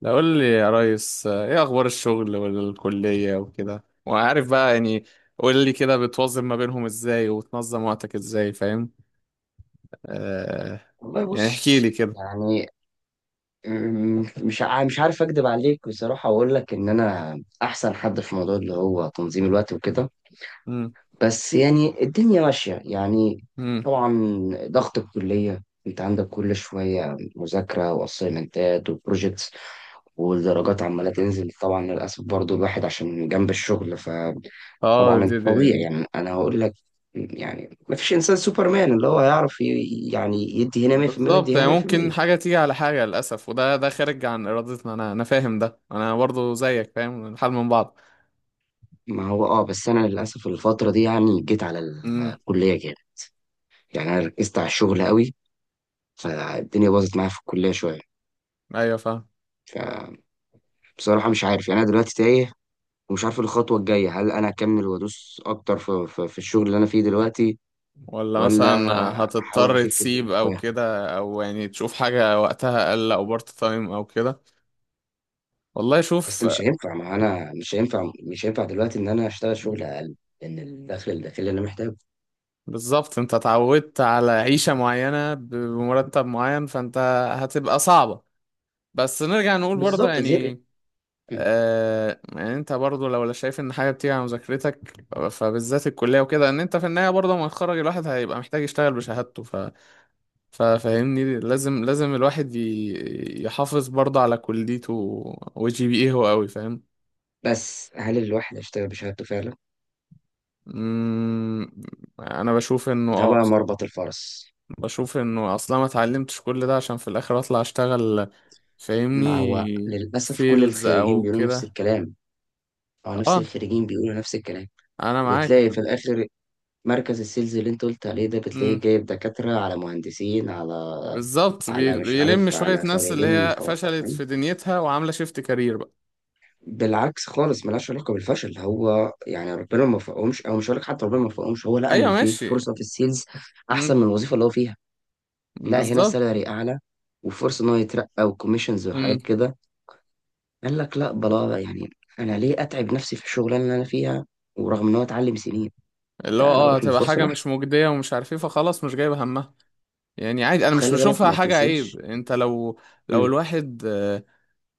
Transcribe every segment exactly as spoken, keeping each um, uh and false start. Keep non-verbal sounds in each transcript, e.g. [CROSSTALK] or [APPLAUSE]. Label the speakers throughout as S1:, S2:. S1: لا قول لي يا ريس آه، ايه اخبار الشغل والكلية وكده وعارف بقى يعني. قول لي كده بتوظف ما بينهم ازاي وتنظم وقتك ازاي؟ فاهم. آه.
S2: والله
S1: يعني احكي لي
S2: بص،
S1: كده.
S2: يعني أمم، مش ع- مش عارف اكدب عليك بصراحه واقول لك ان انا احسن حد في موضوع اللي هو تنظيم الوقت وكده.
S1: امم.
S2: بس يعني الدنيا ماشيه، يعني
S1: امم.
S2: طبعا. ضغط الكليه، انت عندك كل شويه مذاكره واسايمنتات وبروجيكتس، والدرجات عماله تنزل، طبعا للاسف برضو الواحد عشان جنب الشغل ف...
S1: اه
S2: طبعا
S1: دي
S2: انت
S1: دي
S2: طبيعي، يعني انا هقول لك، يعني ما فيش انسان سوبرمان اللي هو يعرف ي- يعني يدي هنا مية في المية
S1: بالظبط،
S2: ويدي هنا
S1: يعني ممكن
S2: مية في المية.
S1: حاجة تيجي على حاجة للأسف، وده ده خارج عن إرادتنا. أنا أنا فاهم ده، أنا برضو زيك فاهم الحال من بعض.
S2: ما هو اه بس انا للاسف الفتره دي يعني جيت على
S1: امم.
S2: الكليه جامد. يعني انا ركزت على الشغل قوي، فالدنيا باظت معايا في الكليه شويه.
S1: ايوه فاهم.
S2: فبصراحه مش عارف، يعني انا دلوقتي تايه ومش عارف الخطوه الجايه، هل انا اكمل وادوس اكتر في, في, في الشغل اللي انا فيه دلوقتي
S1: ولا
S2: ولا
S1: مثلا
S2: احاول
S1: هتضطر
S2: اخف الدنيا
S1: تسيب او
S2: شويه؟
S1: كده، او يعني تشوف حاجة وقتها اقل او بارت تايم او كده. والله
S2: بس
S1: شوف.
S2: مش هينفع، ما انا مش هينفع مش هينفع دلوقتي ان انا اشتغل شغل اقل، لان الدخل الداخلي اللي انا محتاجه.
S1: بالظبط، انت اتعودت على عيشة معينة بمرتب معين، فانت هتبقى صعبة. بس نرجع نقول برضه
S2: بالظبط غير.
S1: يعني آه، يعني انت برضه لو لا شايف ان حاجة بتيجي على مذاكرتك، فبالذات الكلية وكده، ان انت في النهاية برضه لما يتخرج الواحد هيبقى محتاج يشتغل بشهادته. ف... ففاهمني، لازم لازم الواحد ي... يحافظ برضه على كليته وجي بي ايه هو قوي. فاهم.
S2: بس هل الواحد هيشتغل بشهادته فعلا؟
S1: مم، انا بشوف انه
S2: ده
S1: اه
S2: بقى
S1: بصراحة
S2: مربط الفرس.
S1: بشوف انه اصلا ما اتعلمتش كل ده عشان في الاخر اطلع اشتغل.
S2: ما هو
S1: فاهمني.
S2: للأسف كل
S1: سيلز
S2: الخريجين
S1: او
S2: بيقولوا نفس
S1: كده.
S2: الكلام، أو نفس
S1: اه،
S2: الخريجين بيقولوا نفس الكلام.
S1: انا معاك.
S2: وبتلاقي في الآخر مركز السيلز اللي أنت قلت عليه ده بتلاقيه
S1: امم.
S2: جايب دكاترة على مهندسين على
S1: بالظبط،
S2: على
S1: بي-
S2: مش
S1: بيلم
S2: عارف
S1: شوية
S2: على
S1: ناس اللي
S2: خريجين
S1: هي
S2: حقوق.
S1: فشلت
S2: فاهم؟
S1: في دنيتها وعاملة شيفت كارير بقى.
S2: بالعكس خالص، ملهاش علاقة بالفشل، هو يعني ربنا ما وفقهمش، أو مش هقول لك حتى ربنا ما وفقهمش، هو لقى إن
S1: ايوه
S2: في
S1: ماشي.
S2: فرصة في السيلز أحسن
S1: امم.
S2: من الوظيفة اللي هو فيها. لا هنا
S1: بالظبط.
S2: سالري أعلى وفرصة إن هو يترقى وكوميشنز
S1: امم.
S2: وحاجات كده. قال لك لا، بلا يعني، انا ليه اتعب نفسي في الشغلانه اللي انا فيها ورغم ان هو اتعلم سنين،
S1: اللي هو
S2: لا انا
S1: اه
S2: اروح
S1: هتبقى
S2: للفرصه
S1: حاجة مش
S2: الاحسن.
S1: مجدية ومش عارف ايه، فخلاص مش جايبة همها. يعني عادي، انا مش
S2: وخلي بالك
S1: بشوفها
S2: ما
S1: حاجة عيب.
S2: تنساش.
S1: انت لو، لو
S2: امم،
S1: الواحد آه،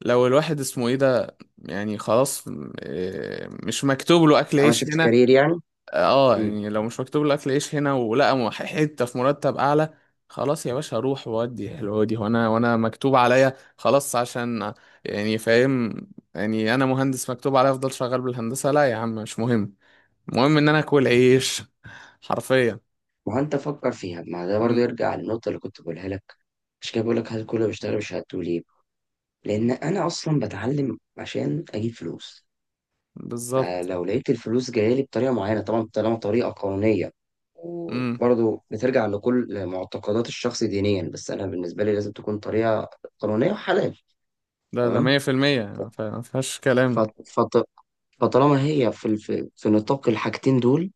S1: لو الواحد اسمه ايه ده، يعني خلاص، آه، مش مكتوب له اكل
S2: عمل
S1: عيش
S2: شيفت
S1: هنا.
S2: كارير يعني.
S1: اه
S2: امم.
S1: يعني لو مش مكتوب لك عيش هنا ولقى م- حته في مرتب اعلى، خلاص يا باشا اروح وادي حلوه دي، وانا وانا مكتوب عليا خلاص عشان يعني فاهم. يعني انا مهندس مكتوب عليا افضل شغال بالهندسه؟ لا يا عم، مش مهم، المهم ان انا اكل عيش، حرفيا.
S2: وانت فكر فيها، ما ده برضه
S1: امم.
S2: يرجع للنقطه اللي كنت بقولها لك، مش كده؟ بقول لك هل كله بيشتغل بشهادته ليه؟ لان انا اصلا بتعلم عشان اجيب فلوس.
S1: بالظبط.
S2: فلو لقيت الفلوس جايه لي بطريقه معينه، طبعا طالما طريقه قانونيه،
S1: امم.
S2: وبرضه بترجع لكل معتقدات الشخص دينيا، بس انا بالنسبه لي لازم تكون طريقه قانونيه وحلال.
S1: ده ده
S2: تمام.
S1: مية في المية. ما ف- ما فيهاش كلام.
S2: فط- فط- فطالما هي في في في نطاق الحاجتين دول،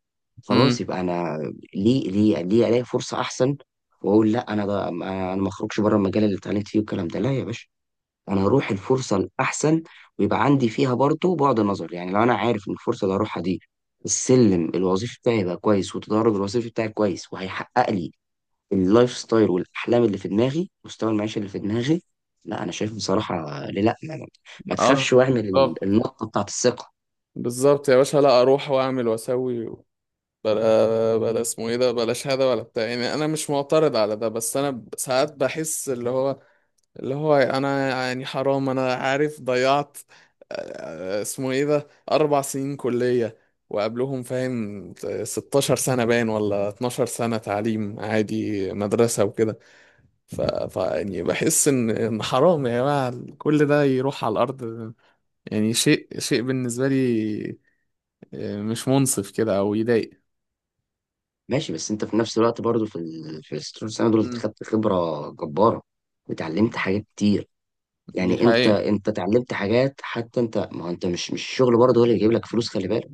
S2: خلاص
S1: امم.
S2: يبقى انا ليه ليه ليه الاقي فرصه احسن، واقول لا انا بقى، انا أنا ما اخرجش بره المجال اللي اتعلمت فيه والكلام ده. لا يا باشا، انا هروح الفرصه الاحسن، ويبقى عندي فيها برضه بعد نظر. يعني لو انا عارف ان الفرصه اللي هروحها دي السلم الوظيفي بتاعي يبقى كويس، والتدرج الوظيفي بتاعي كويس، وهيحقق لي اللايف ستايل والاحلام اللي في دماغي، مستوى المعيشه اللي في دماغي، لا انا شايف بصراحه ليه لا. ما, ما
S1: اه.
S2: تخافش واعمل ال-
S1: بالظبط.
S2: النقطه بتاعت الثقه.
S1: بالظبط يا باشا، لا اروح واعمل واسوي بلا بلا اسمه ايه ده بلاش هذا ولا بتاع. يعني انا مش معترض على ده، بس انا ب- ساعات بحس اللي هو اللي هو انا يعني حرام، انا عارف ضيعت، آه، اسمه ايه ده، اربع سنين كلية وقبلهم فاهم، ستاشر سنة باين، ولا اتناشر سنة تعليم عادي مدرسة وكده. ف... ف يعني بحس ان ان حرام يا جماعة كل ده يروح على الارض. يعني شيء شيء بالنسبة لي آه، مش منصف كده او يضايق.
S2: ماشي، بس انت في نفس الوقت برضو في ال... في الست سنه دول انت
S1: مم.
S2: خدت خبره جباره وتعلمت حاجات كتير.
S1: دي
S2: يعني انت
S1: حقيقة.
S2: انت اتعلمت حاجات، حتى انت ما هو انت مش مش الشغل برضه هو اللي يجيب لك فلوس، خلي بالك.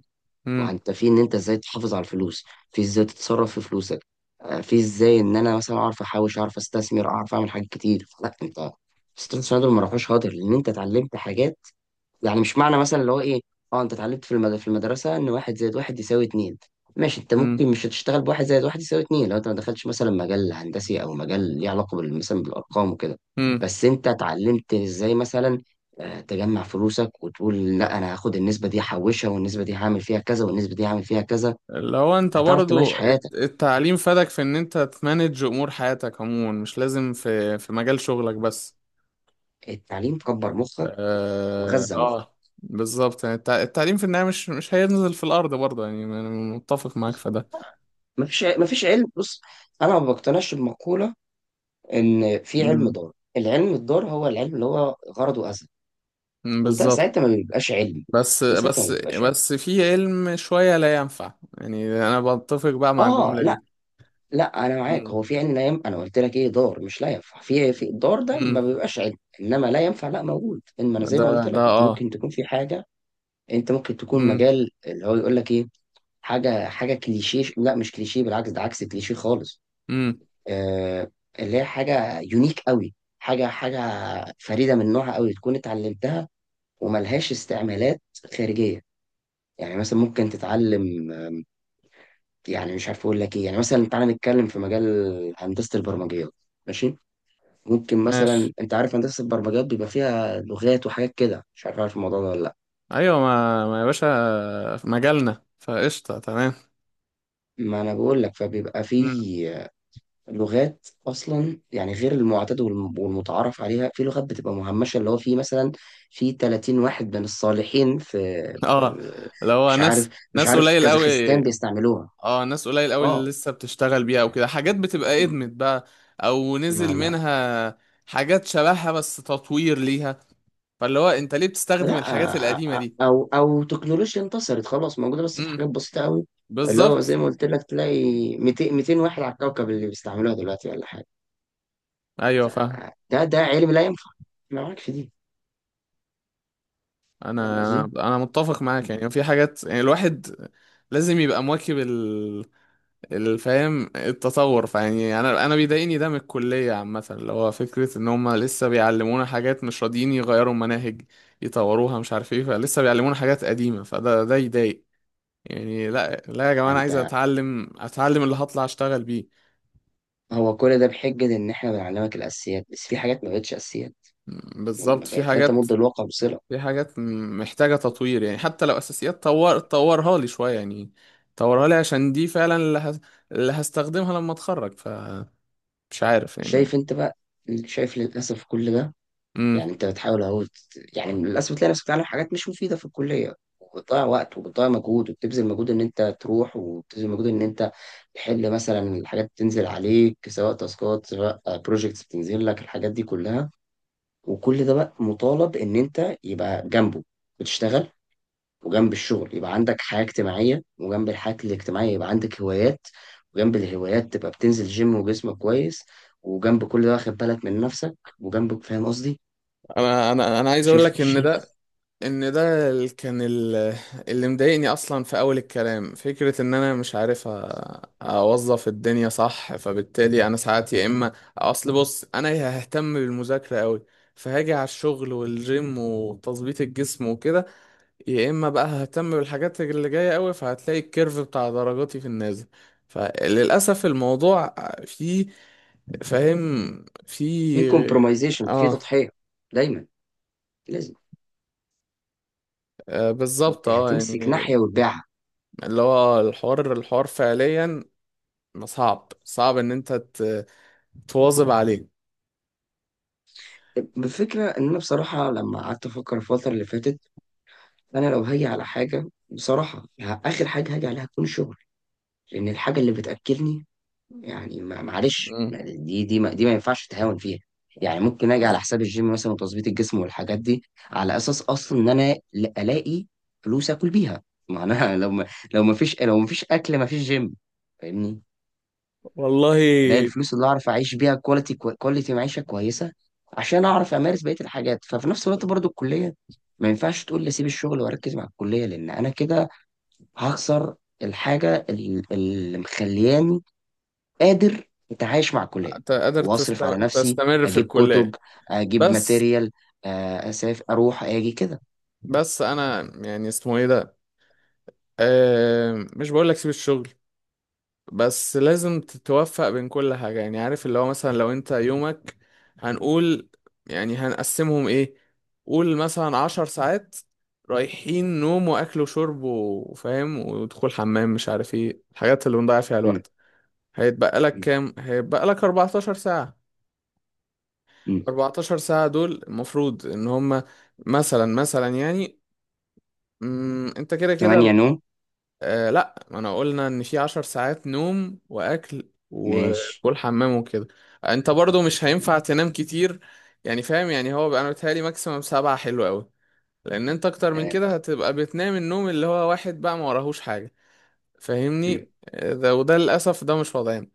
S2: ما
S1: امم.
S2: انت في ان انت ازاي تحافظ على الفلوس، في ازاي تتصرف في فلوسك، آه، في ازاي ان انا مثلا اعرف احوش، اعرف استثمر، اعرف اعمل حاجات كتير. لا انت ستريت سايدر ما راحوش هدر، لان انت اتعلمت حاجات. يعني مش معنى مثلا اللي هو ايه، اه انت اتعلمت في المد... في المدرسه ان واحد زائد واحد يساوي اتنين. ماشي، انت
S1: امم.
S2: ممكن مش هتشتغل بواحد زائد واحد يساوي اتنين لو انت ما دخلتش مثلا مجال هندسي، او مجال ليه علاقه بال- مثلا بالارقام وكده.
S1: امم.
S2: بس انت اتعلمت ازاي مثلا آه، تجمع فلوسك وتقول لا انا هاخد النسبه دي هحوشها، والنسبه دي هعمل فيها كذا، والنسبه دي هعمل فيها كذا.
S1: اللي هو انت
S2: هتعرف تمارس
S1: برضو الت-
S2: حياتك.
S1: التعليم فادك في ان انت تمانج امور حياتك عموما، مش لازم في في مجال شغلك بس.
S2: التعليم كبر مخك
S1: اه،
S2: وغذى مخك.
S1: آه بالظبط. يعني التع- التعليم في النهاية مش مش هينزل في الارض برضه، يعني انا متفق معاك في ده.
S2: مفيش ع- مفيش علم. بص، انا ما بقتنعش بمقوله ان في علم،
S1: امم.
S2: دار العلم الدار هو العلم اللي هو غرضه اذى،
S1: أمم،
S2: وده
S1: بالظبط.
S2: ساعتها ما بيبقاش علمي.
S1: بس
S2: ده ساعتها ما
S1: بس
S2: بيبقاش علمي.
S1: بس في علم شوية لا ينفع، يعني انا بتفق بقى مع
S2: اه
S1: الجملة
S2: لا،
S1: دي.
S2: لا انا معاك،
S1: امم.
S2: هو في علم لا ينفع. انا قلت لك ايه، دار مش لا ينفع. في إيه؟ في الدار ده ما
S1: امم.
S2: بيبقاش علم، انما لا ينفع لا موجود. انما انا زي
S1: ده
S2: ما قلت
S1: ده
S2: لك، انت
S1: اه.
S2: ممكن تكون في حاجه، انت ممكن تكون
S1: امم.
S2: مجال اللي هو يقول لك ايه، حاجه حاجه كليشيه. لا مش كليشيه، بالعكس ده عكس كليشيه خالص.
S1: امم.
S2: آه اللي هي حاجه يونيك قوي، حاجه حاجه فريده من نوعها قوي تكون اتعلمتها وملهاش استعمالات خارجية. يعني مثلا ممكن تتعلم، يعني مش عارف اقول لك ايه، يعني مثلا تعالى نتكلم في مجال هندسة البرمجيات. ماشي، ممكن
S1: ماشي.
S2: مثلا انت عارف هندسة البرمجيات بيبقى فيها لغات وحاجات كده، مش عارف عارف الموضوع ده ولا لا.
S1: ايوه، ما ما يا باشا في مجالنا فقشطه تمام.
S2: ما انا بقول لك فبيبقى في
S1: مم.
S2: لغات اصلا، يعني غير المعتاد والم- والمتعارف عليها، في لغات بتبقى مهمشه، اللي هو في مثلا في تلاتين واحد من الصالحين في
S1: اه، اللي هو
S2: مش
S1: ناس
S2: عارف، مش
S1: ناس
S2: عارف
S1: قليل قوي.
S2: كازاخستان بيستعملوها.
S1: اه ناس قليل قوي اللي
S2: اه،
S1: لسه بتشتغل بيها او كده، حاجات بتبقى ادمت بقى او
S2: ما
S1: نزل
S2: ما
S1: منها حاجات شبهها بس تطوير ليها، فاللي هو انت ليه بتستخدم
S2: لا
S1: الحاجات
S2: أ-
S1: القديمه
S2: أ-
S1: دي؟
S2: او او تكنولوجيا انتصرت خلاص موجوده، بس في
S1: امم.
S2: حاجات بسيطه قوي، اللي هو زي
S1: بالظبط.
S2: ما قلت لك تلاقي 200 200 واحد على الكوكب اللي بيستعملوها دلوقتي ولا حاجه.
S1: ايوه
S2: ف-
S1: فاهم.
S2: ده ده علم لا ينفع، ما معاك في دي. فاهم
S1: انا
S2: قصدي؟
S1: انا انا متفق معاك، يعني في حاجات يعني الواحد لازم يبقى مواكب الفهم التطور. فيعني انا انا بيضايقني ده من الكليه عامه، اللي هو فكره ان هم لسه بيعلمونا حاجات، مش راضيين يغيروا مناهج يطوروها مش عارف ايه، فلسه بيعلمونا حاجات قديمه، فده ده يضايق. يعني لا لا يا جماعه، انا
S2: عن
S1: عايز اتعلم اتعلم اللي هطلع اشتغل بيه.
S2: هو كل ده بحجة إن إحنا بنعلمك الأساسيات، بس في حاجات ما بقتش أساسيات،
S1: م-
S2: ما
S1: بالظبط، في
S2: بقت لا
S1: حاجات
S2: تمد الواقع بصلة.
S1: في حاجات م- محتاجه تطوير، يعني حتى لو اساسيات، طور طورها لي شويه يعني، طورها لي عشان دي فعلا اللي, هس... اللي هستخدمها لما اتخرج، فمش عارف
S2: شايف
S1: يعني.
S2: أنت بقى؟ شايف للأسف كل ده؟ يعني
S1: امم.
S2: أنت بتحاول أهو ت- يعني للأسف تلاقي نفسك بتتعلم حاجات مش مفيدة في الكلية، وبتضيع وقت، وبتضيع مجهود، وبتبذل مجهود إن أنت تروح، وبتبذل مجهود إن أنت تحل مثلا الحاجات بتنزل عليك، سواء تاسكات سواء بروجيكتس بتنزل لك الحاجات دي كلها. وكل ده بقى مطالب إن أنت يبقى جنبه بتشتغل، وجنب الشغل يبقى عندك حياة اجتماعية، وجنب الحياة الاجتماعية يبقى عندك هوايات، وجنب الهوايات تبقى بتنزل جيم وجسمك كويس، وجنب كل ده واخد بالك من نفسك، وجنبك. فاهم قصدي؟
S1: انا انا انا عايز اقول
S2: شايف
S1: لك ان ده،
S2: شايف
S1: ان ده ال- كان ال- اللي مضايقني اصلا في اول الكلام فكرة ان انا مش عارف أ- اوظف الدنيا صح، فبالتالي انا ساعات يا اما اصل بص انا ههتم بالمذاكرة قوي، فهاجي على الشغل والجيم وتظبيط الجسم وكده، يا اما بقى ههتم بالحاجات اللي جاية قوي فهتلاقي الكيرف بتاع درجاتي في النازل. فللاسف الموضوع فيه فاهم
S2: في
S1: فيه.
S2: كومبرومايزيشن، في
S1: اه.
S2: تضحية دايما، لازم
S1: آه، بالظبط
S2: انت
S1: اه
S2: هتمسك
S1: يعني،
S2: ناحية وتبيعها.
S1: اللي هو آه، الحوار الحوار فعليا ما صعب صعب ان انت ت- تواظب عليه.
S2: بفكرة ان انا بصراحة لما قعدت افكر الفترة اللي فاتت، انا لو هاجي على حاجة بصراحة، ه- اخر حاجة هاجي عليها تكون شغل، لان الحاجة اللي بتأكلني، يعني ما- معلش،
S1: مم.
S2: دي دي ما دي ما ينفعش تهاون فيها. يعني ممكن اجي على حساب الجيم مثلا وتظبيط الجسم والحاجات دي، على اساس اصلا ان انا ل- الاقي فلوس اكل بيها. ما انا [LAUGHS] لو ما لو ما فيش لو ما فيش اكل، ما فيش جيم. فاهمني؟
S1: والله
S2: الاقي الفلوس اللي اعرف اعيش بيها كواليتي كواليتي معيشه كويسه، عشان اعرف امارس بقيه الحاجات. ففي نفس الوقت برضو الكليه ما ينفعش تقول لي سيب الشغل واركز مع الكليه، لان انا كده هخسر الحاجه ال- اللي مخلياني قادر اتعايش مع الكليه
S1: ت- قادر
S2: واصرف على
S1: تست-
S2: نفسي،
S1: تستمر في
S2: اجيب كتب،
S1: الكلية.
S2: اجيب
S1: بس
S2: ماتيريال، آه، اسافر، اروح، اجي كده.
S1: بس انا يعني اسمه ايه ده، أه مش بقول لك سيب الشغل، بس لازم تتوفق بين كل حاجة. يعني عارف اللي هو مثلا لو انت يومك هنقول يعني هنقسمهم ايه، قول مثلا عشر ساعات رايحين نوم واكل وشرب وفاهم ودخول حمام مش عارف ايه الحاجات اللي بنضيع فيها
S2: مم،
S1: الوقت، هيتبقى لك
S2: مم،
S1: كام؟ هيتبقى لك اربعة عشر ساعة. ال
S2: مم.
S1: اربعتاشر ساعة دول المفروض ان هما مثلا مثلا يعني، مم، انت كده كده،
S2: تمانية نوم.
S1: آه لا ما انا قلنا ان في عشر ساعات نوم واكل
S2: ماشي.
S1: وكل حمام وكده. انت برضو مش هينفع تنام كتير، يعني فاهم يعني هو بقى انا بتهيألي ماكسيمم سبعة حلو قوي، لان انت اكتر من
S2: تمام.
S1: كده هتبقى بتنام النوم اللي هو واحد بقى ما وراهوش حاجة.
S2: مم،
S1: فاهمني آه، ده وده للاسف ده مش وضعنا.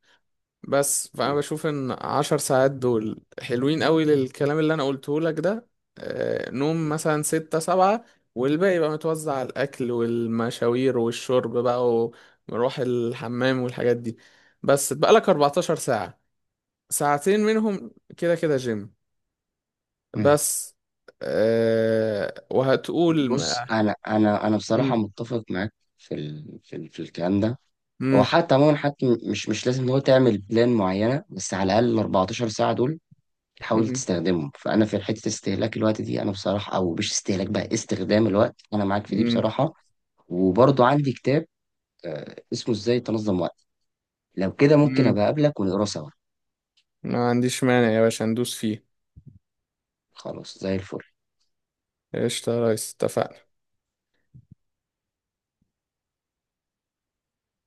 S1: بس فأنا
S2: مم،
S1: بشوف إن عشر ساعات دول حلوين قوي للكلام اللي أنا قلته لك ده، آه، نوم
S2: مم،
S1: مثلا ستة سبعة، والباقي بقى متوزع على الأكل والمشاوير والشرب بقى ومروح الحمام والحاجات دي. بس بقالك أربعتاشر ساعة، ساعتين منهم كده كده جيم.
S2: مم.
S1: بس أه وهتقول
S2: بص،
S1: ما.
S2: انا انا انا بصراحه
S1: مم.
S2: متفق معاك في ال... في, ال... في الكلام ده. هو
S1: مم.
S2: حتى عموما، حتى م- مش مش لازم هو تعمل بلان معينه، بس على الاقل ال اربعتاشر ساعه دول تحاول
S1: مم.
S2: تستخدمهم. فانا في حته استهلاك الوقت دي، انا بصراحه، او مش استهلاك بقى، استخدام الوقت، انا معاك في دي
S1: مم.
S2: بصراحه. وبرضو عندي كتاب آه، اسمه ازاي تنظم وقتك، لو كده ممكن
S1: مم.
S2: ابقى اقابلك ونقراه سوا.
S1: ما عنديش مانع يا باشا ندوس فيه.
S2: خلاص، زي الفل.
S1: قشطة يا ريس اتفقنا.